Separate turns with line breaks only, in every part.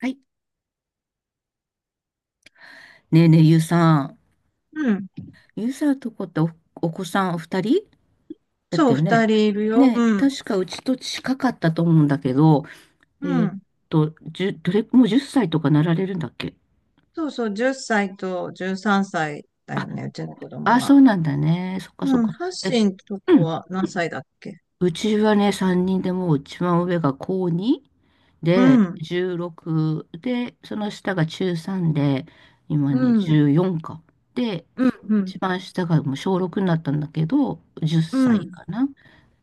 はい。ねえねえ、ゆうさん。
うん。
ゆうさんとこってお子さんお二人だっ
そ
た
う、
よ
二
ね。
人いるよ。
ねえ、
うん。
確かうちと近かったと思うんだけど、え
う
ーっ
ん。
どれ、もう10歳とかなられるんだっけ？
そうそう、10歳と13歳だよね、うちの子供
あ、
は。
そうなんだね。そっかそっ
うん。
か。
ハッ
え、
シンと
う
こ
ん。
は何歳だっけ？
うちはね、3人でもう一番上が高2
う
で、
ん。
16で、その下が中3で、今
う
ね、
ん。
14か。で、
うん。うん。
一番下がもう小6になったんだけど、10
う
歳
ん。
かな。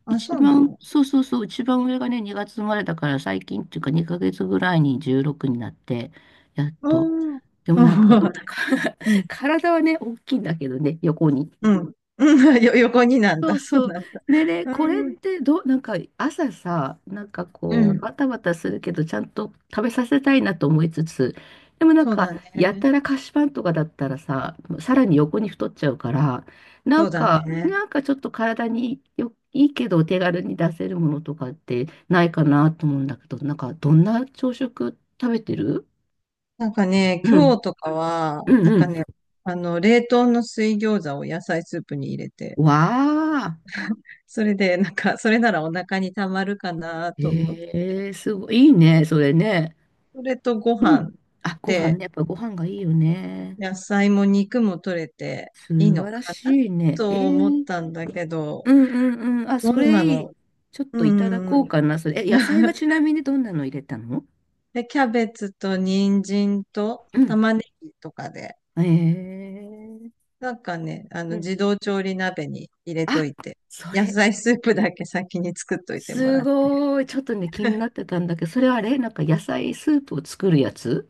あ、そうなの。
そうそうそう、一番上がね、2月生まれだから最近っていうか2ヶ月ぐらいに16になって、やっと。
うん。
でもなんか、
うん。う
体はね、大きいんだけどね、横に。
ん。うん。横になん
そ
だ。
う
そう
そう。
なんだ。
でね、
う
これっ
ん。
てどう、なんか朝さ、なんか
う
こう、
ん。
バタバタするけど、ちゃんと食べさせたいなと思いつつ、でもなん
そう
か、
だ
や
ね。
たら菓子パンとかだったらさ、さらに横に太っちゃうから、な
そう
ん
だ
か、
ね。
なんかちょっと体にいいけど、お手軽に出せるものとかってないかなと思うんだけど、なんか、どんな朝食食べてる？
なんかね、
う
今
ん、
日とかは、
うん、
なん
う
か
ん。
ね、冷凍の水餃子を野菜スープに入れて、
わあ、
それで、なんか、それならお腹にたまるかなと思っ
え
て。
えすごい、いいね、それね。
それとご
う
飯
ん。
っ
あ、ご飯
て、
ね。やっぱご飯がいいよね。
野菜も肉も取れていい
素
の
晴ら
かな
しいね。
と思ったんだけど、
うんうんうん。あ、
ど
そ
んな
れいい。
の？
ちょっといただ
う
こ
ー
う
ん。
かな。それ。え、野菜は ちなみにどんなの入れたの？
で、キャベツと人参と
うん。
玉ねぎとかで、
えー、
なんかね、
うん。
自動調理鍋に入れ
あ、
といて、
そ
野
れ、
菜スープだけ先に作っといても
す
らって。
ごい。ちょっとね、気になってたんだけど、それはあれなんか野菜スープを作るやつ？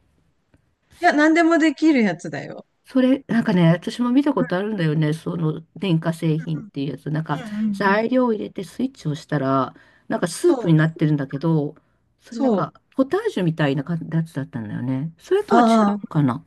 いや、何でもできるやつだよ。
それ、なんかね、私も見たこ
う
とあるんだよね。その電化製品っ
ん
ていうやつ。なん
う
か
んうんうんうんうん。
材料を入れてスイッチを押したら、なんかス
そ
ープにな
う、
ってるんだけど、それなん
そう。
かポタージュみたいな感じのやつだったんだよね。それとは違う
あ
の
あ、
かな？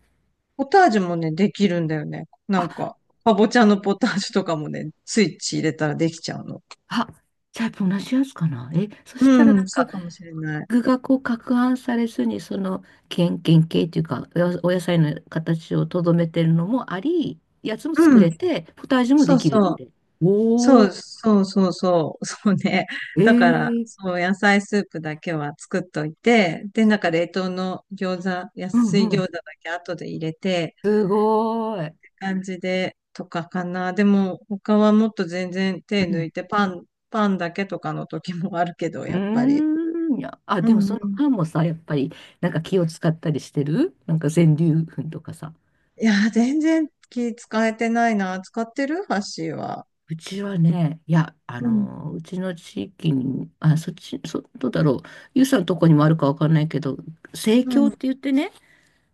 ポタージュもね、できるんだよね。な
あ、
んか、かぼちゃのポタージュとかもね、スイッチ入れたらできちゃうの。
あ、じゃあやっぱ同じやつかな？そしたら
う
なん
ん、そう
か
かもしれない。
具がこう攪拌されずに、その原型っていうか、お野菜の形をとどめてるのもあり、やつも作
うん、
れて、ポタージュも
そ
で
う
きるっ
そう。
て。
そ
お
う
ー、
そうそうそう。そうね。
え
だから、
ー。
そう、野菜スープだけは作っといて、で、なんか冷凍の餃子、
う
安い
んう
餃
ん
子だけ後で入れて、
すごーい。
感じで、とかかな。でも、他はもっと全然手
う
抜
ん
いて、パン、だけとかの時もあるけど、やっぱ
う
り。
ーん。いや、あ、
う
でも
ん
そ
う
の
ん。
パンもさ、やっぱり、なんか気を使ったりしてる？なんか全粒粉とかさ。
いやー、全然気使えてないな。使ってるハッシーは。
うちはね、いや、
うん。
うちの地域に、あ、そっち、どうだろう。ゆうさんのとこにもあるかわかんないけど、生
う
協っ
ん。
て言ってね、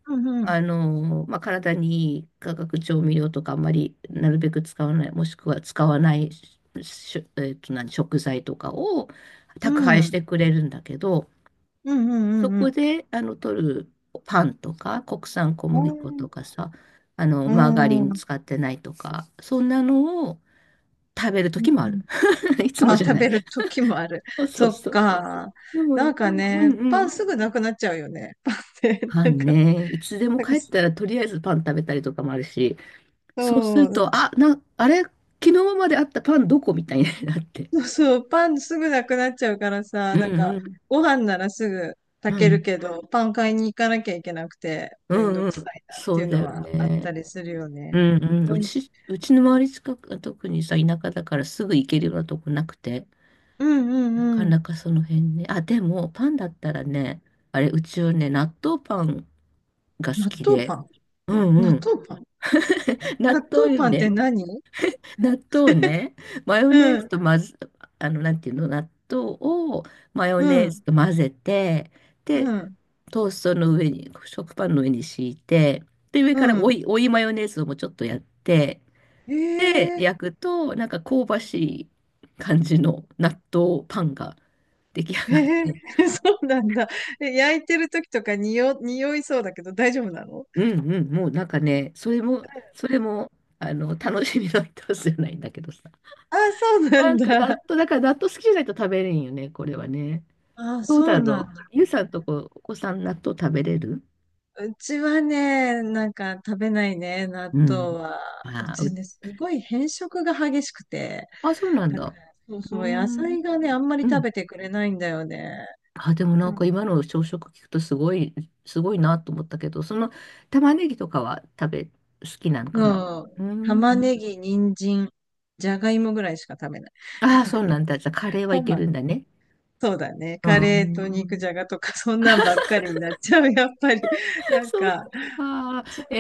うん。
まあ、体にいい化学調味料とかあんまりなるべく使わない、もしくは使わないし、何、食材とかを
う
宅
ん。
配
う
し
ん。
てくれるんだけど、
うん。う
そ
んう
こ
ん。
で、取るパンとか、国産小
う
麦粉と
ん。
かさ、
う
マーガリ
ん
ン
う
使ってないとか、そんなのを食べる時もあ
ん。
る。いつも
あ、
じゃ
食
ない。
べる時もある。
そうそ
そ
う
っ
そう。
か。
でも
なん
よ、
か
う
ね、
んう
パン
ん。
すぐなくなっちゃうよね。パンって、
パ
なん
ン
か、
ね、いつでも
なんか、
帰ったらとりあえずパン食べたりとかもあるし、そうす
そ
る
う、
と、あ、あれ、昨日まであったパンどこみたいになって。
そう、パンすぐなくなっちゃうから
う
さ、
ん
なんか、
うん。
ご飯ならすぐ
う
炊ける
ん。
けど、パン買いに行かなきゃいけなくて、
う
めん
ん
ど
う
く
ん。
さいなっ
そ
ていう
うだ
の
よ
はあっ
ね。
たりするよ
う
ね。
んうん、
う
う
ん
ち、うちの周り近く、特にさ、田舎だからすぐ行けるようなとこなくて、
うんうん
なか
うん。
なかその辺ね。あ、でも、パンだったらね、あれ、うちはね、納豆パンが好
納
き
豆
で、
パン？
うんう
納
ん。
豆パン？ 納
納
豆
豆よ
パンって
ね。
何？うん、
納豆をね。マヨ
う
ネーズ
ん、
とまず、なんていうの、納豆をマヨネーズと混ぜて、
う
で、
ん、
トーストの上に、食パンの上に敷いて、で、上
う
から追
ん。
い、追いマヨネーズをもうちょっとやって、
へ
で、
え。
焼くと、なんか香ばしい感じの納豆パンが出来
へ
上がっ
え。
て。
そうなんだ。え、焼いてる時とかに、匂いそうだけど大丈夫なの？
うんうん、もうなんかね、それも、楽しみの一つじゃないんだけどさ。
あ、そうな
な
ん
んか納
だ。
豆、だから納豆好きじゃないと食べれんよね、これはね。
あ、
どう
そう
だ
な
ろ
ん
う。
だ。
ゆうさんとこ、お子さん納豆食べれる？
うちはね、なんか食べないね、納
うん。
豆は。う
あー、
ちね、すごい変色が激しくて、
そうなん
なんか、
だ。
そう
うー
そう、野
ん。
菜がね、あんまり
う
食
ん。
べてくれないんだよね。
あ、でもな
う
ん
ん。
か今の朝食聞くとすごいなと思ったけど、その玉ねぎとかは好きなのかな？
うん。
うー
玉
ん。
ねぎ、人参、じゃがいもぐらいしか食べない。
ああ、そうなん だ。じゃあカレーは
ト
いけ
マ
る
ト、
んだね。
そうだね。
うー
カレーと肉
ん。
じゃがとか、そんなんばっかりになっちゃう、やっぱり。な ん
そっ
か、
か。え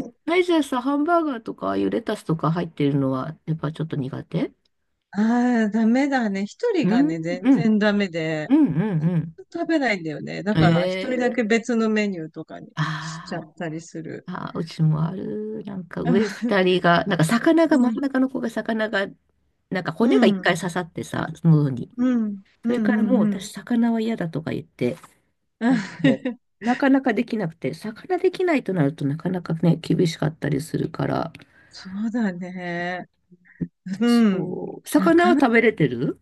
ー、
う。
はいじゃあさ、ハンバーガーとか、ああいうレタスとか入ってるのは、やっぱちょっと苦手？
ああ、ダメだね。一人
う
が
ん、
ね、全
うん、
然ダメで、
うん、うん、
食べないんだよね。だ
うん。
から一人
え
だ
ー、
け別のメニューとかにしちゃ
ああ。
ったりする。
あ、うちもある。なんか上二人が、なんか魚が、
う
真
ん、
ん中の子が魚が、なんか
う
骨が一
ん、
回刺さってさ、喉に。
うん、う
そ
ん、う
れからもう
ん。うん。
私魚は嫌だとか言って、なんかも う、なかなかできなくて、魚できないとなるとなかなかね、厳しかったりするから、
そうだね。うん。
そう、
な
魚は
かなか、
食べれてる？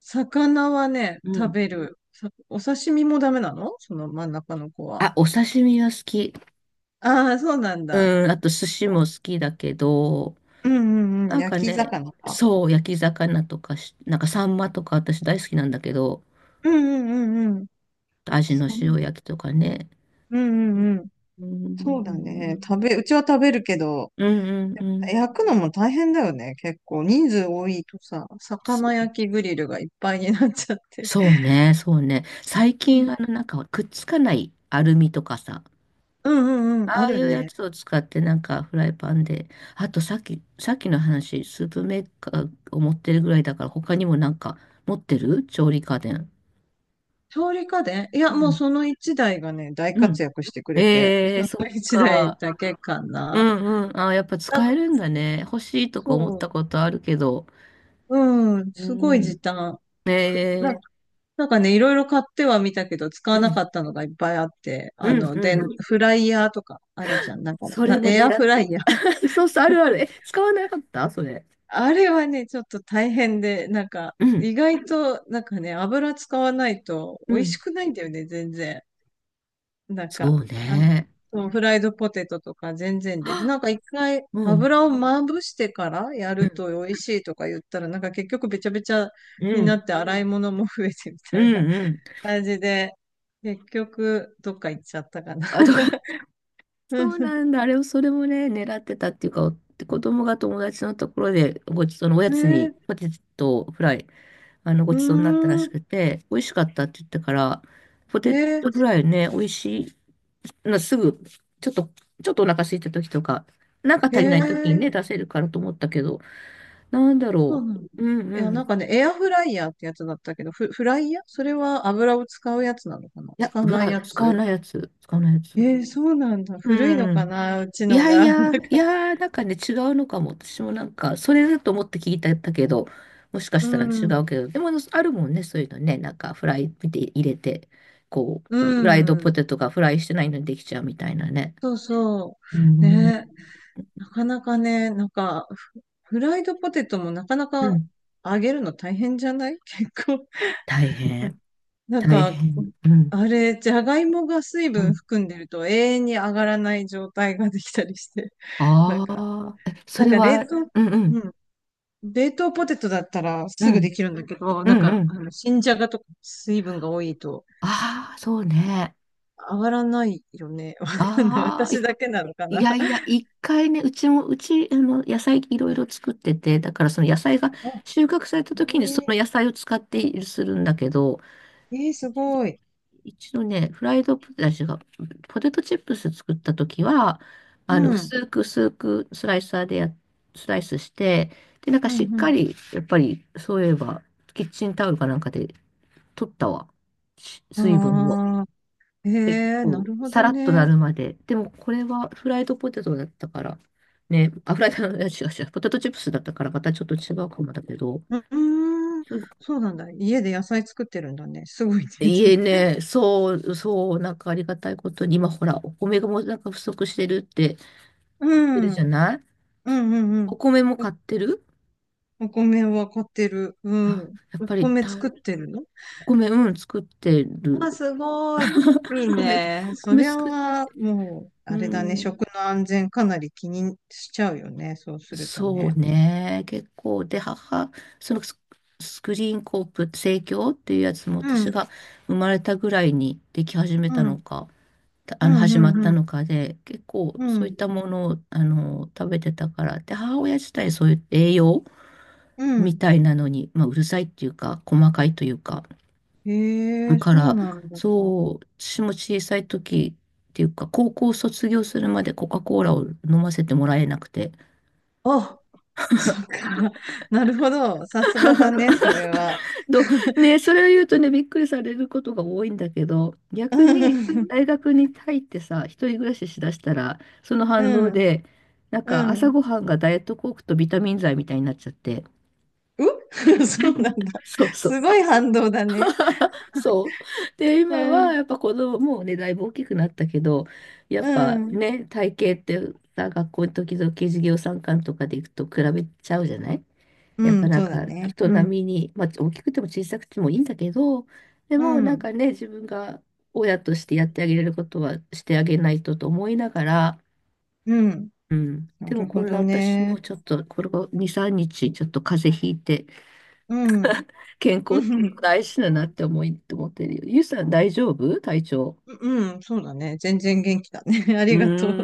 魚はね、
う
食
ん。
べる。お刺身もダメなの、その真ん中の子は。
あ、お刺身は好き。
ああ、そうなんだ。
うん、あと寿司も好きだけど、
うんうんうん。
なん
焼
か
き
ね、
魚か。
そう、焼き魚とかなんかサンマとか私大好きなんだけど、
うんうんうんうん。
味の塩
うん
焼きとかね。
うんうん。
う
そうだね。
ん。
うちは食べるけど、
うんうんうん。
焼くのも大変だよね。結構人数多いとさ、
そ
魚焼きグリルがいっぱいになっちゃって。
そうね、そうね。最
うん
近、なんか、くっつかないアルミとかさ、
うんうん。
あ
あ
あい
る
うや
ね。
つを使って、なんか、フライパンで、あと、さっきの話、スープメーカーを持ってるぐらいだから、他にもなんか、持ってる調理家電。
調理家電、い
う
や、もう
ん、
その一台がね、大
うん。
活躍してくれて、
ええ
そ
ー、
の
そっ
一台
か。
だけか
う
な。
んうん。あ、やっぱ
だ、
使えるんだね。欲しいとか思った
そ
ことあるけど。
う、うん、すごい時
う
短。
ん。
ふな、
ええ
なんかね、いろいろ買ってはみたけど、使
う
わなか
ん、
ったのがいっぱいあって、
うん、う
で、
ん。
フライヤーとかあるじゃん。なんか、
それも
エア
狙
フ
っ
ラ
て。
イヤー。
そうそう、あるある。え、使わなかったそれ？
あれはね、ちょっと大変で、なんか、
うん、
意外と、なんかね、油使わないと
う
美味し
ん。
くないんだよね、全然。なん
そ
か、
うね。
そうフライドポテトとか全然で。で、
は
なんか一回
うん、
油をまぶしてからや
う
る
ん、
と美味しいとか言ったら、なんか結局べちゃべちゃ
う
にな
ん、
って洗い物も増えてみ
う
たいな
ん、う ん。
感じで、結局どっか行っちゃったかな。
あとか、
う
そ
ん。
うなんだ。あれを、それもね、狙ってたっていうか、子供が友達のところで、ごちそうのおや
え
つに、
ー、
ポテトフライ、ご
うー
ちそうになったらし
ん、
くて、美味しかったって言ったから、ポ
え
テ
ー、
トフライね、美味しい、すぐ、ちょっと、ちょっとお腹空いた時とか、なんか
え
足りない時にね、
ー、
出せるからと思ったけど、なんだ
そう
ろ
なの。い
う。うんう
や、なん
ん。
かね、エアフライヤーってやつだったけど、フライヤー、それは油を使うやつなのかな、
いや、
使わ
う
ない
わ、
や
使わ
つ？
ないやつ、使わないやつ。
えー、そうなんだ。古いの
う
か
ん。
な、うち
い
の
やい
が。なん
や、い
か、
やー、なんかね、違うのかも。私もなんか、それだと思って聞いてたけど、もしか
う
したら
ん。
違うけど、でも、あるもんね、そういうのね、なんか、フライ見て入れて、こう、
う
フライドポ
ん。
テトがフライしてないのにできちゃうみたいなね。
そうそ
う
う。
ん、
ね。なかなかね、なんか、フライドポテトもなかな
う
か
ん、
揚げるの大変じゃない？ 結構。
大変、
なん
大
か、
変。うん、
あれ、じゃがいもが水
う
分
ん
含んでると永遠に上がらない状態ができたりして。なん
あ
か、
あ、え、それ
冷
は、
凍、
うんう
う
ん、
ん。冷凍ポテトだったら
う
すぐで
ん、
きるんだけど、
う
なん
んう
か、
ん。
新じゃがとか水分が多いと
ああ、そうね。
上がらないよね。わかんない。
ああ、
私だけなのか
い
な。
やいや、一回ね、うちも、野菜いろいろ作ってて、だからその野菜が
あ、
収穫された時にそ
え
の野菜を使ってするんだけど、
ー、えー、すごい。
一度ね、フライドポテチが、ポテトチップス作った時は、
うん、
薄く薄くスライサーでスライスして、で、なんか
う
しっか
ん、
り、やっぱり、そういえば、キッチンタオルかなんかで取ったわ。
う
水分を。
ん。ああ、え
結
ー、な
構、
るほ
さ
ど
らっとな
ね。
るまで。でも、これはフライドポテトだったから、ね、あ、フライド、違う違う、ポテトチップスだったからまたちょっと違うかもだけど、
う。うーん、
すご
そうなんだ。家で野菜作ってるんだね。すごいね。
いね、そう、そう、なんかありがたいことに、今ほら、お米がもうなんか不足してるって
う
言ってる
ん、う
じゃ
ん、
ない？
うん、うん。
お米も買ってる？
お米は買ってる。う
あ、
ん。
やっ
お
ぱり
米作ってるの？
お米、うん、作ってる。
あ、すごい。いい
米、
ね。そ
米
りゃ
作る。
は、もう、
う
あれだね。
ん、
食の安全かなり気にしちゃうよね、そうすると
そう
ね。
ね。結構、で、そのスクリーンコープ、生協っていうやつも
う
私
ん、
が生まれたぐらいにでき始め
う
たの
ん、
か、た
う
あの、
ん、
始
う
ま
ん、
った
うん、
のかで、結構
う
そういっ
ん。
たものを、食べてたから、で、母親自体そういう栄養
う
み
ん。
たいなのに、まあ、うるさいっていうか、細かいというか、
へ
だ
え、
か
そう
ら、
なんだ。
そう、私も小さい時っていうか、高校卒業するまでコカ・コーラを飲ませてもらえなくて、
あ、そっか。なるほど。さすがだね、それは。
ど、ね、それを言うとね、びっくりされることが多いんだけど、
う
逆に
ん、
大学に入ってさ、一人暮らししだしたら、その反
う
動
ん、
で、なん
う
か
ん。
朝
う。
ごはんがダイエットコークとビタミン剤みたいになっちゃって、
そうなんだ。
そうそ
すご
う。
い反動だね。
そう。で、
う
今は
ん、
やっぱ子供もうね、だいぶ大きくなったけど、や
う
っぱ
ん、
ね、体型ってさ、学校の時々授業参観とかで行くと比べちゃうじゃない？や
う
っぱ
ん、
な
そ
ん
うだ
か
ね。
人
うん、
並みに、まあ、大きくても小さくてもいいんだけど、で
う
もなん
ん、
かね、自分が親としてやってあげれることはしてあげないとと思いながら、
うん。
うん。
な
でも
る
こ
ほ
んな
ど
私
ね。
もちょっと、これが2、3日ちょっと風邪ひいて、
うん。
健
う
康
ん、
大事だなって思ってるよ。ゆうさん大丈夫？体調。
うん、うん、そうだね。全然元気だね。あ
うー
りがとう。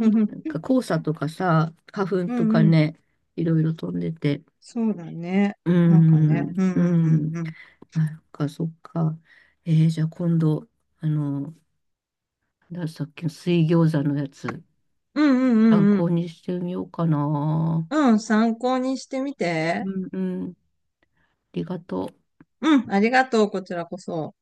うん、うん、
なんか黄砂とかさ、花粉
う
とか
ん、
ね、いろいろ飛んでて。
そうだね。
うー
なんかね。
ん。
うん、
う
うん、うん、
ん。
うん。
あ、そっか、そっか。じゃあ今度、あの、なんださっきの水餃子のやつ、
うん、うん、
参
うん、うん。
考にしてみようかな。
うん、参考にしてみて。
うんうん。ありがとう。
うん、ありがとう。こちらこそ。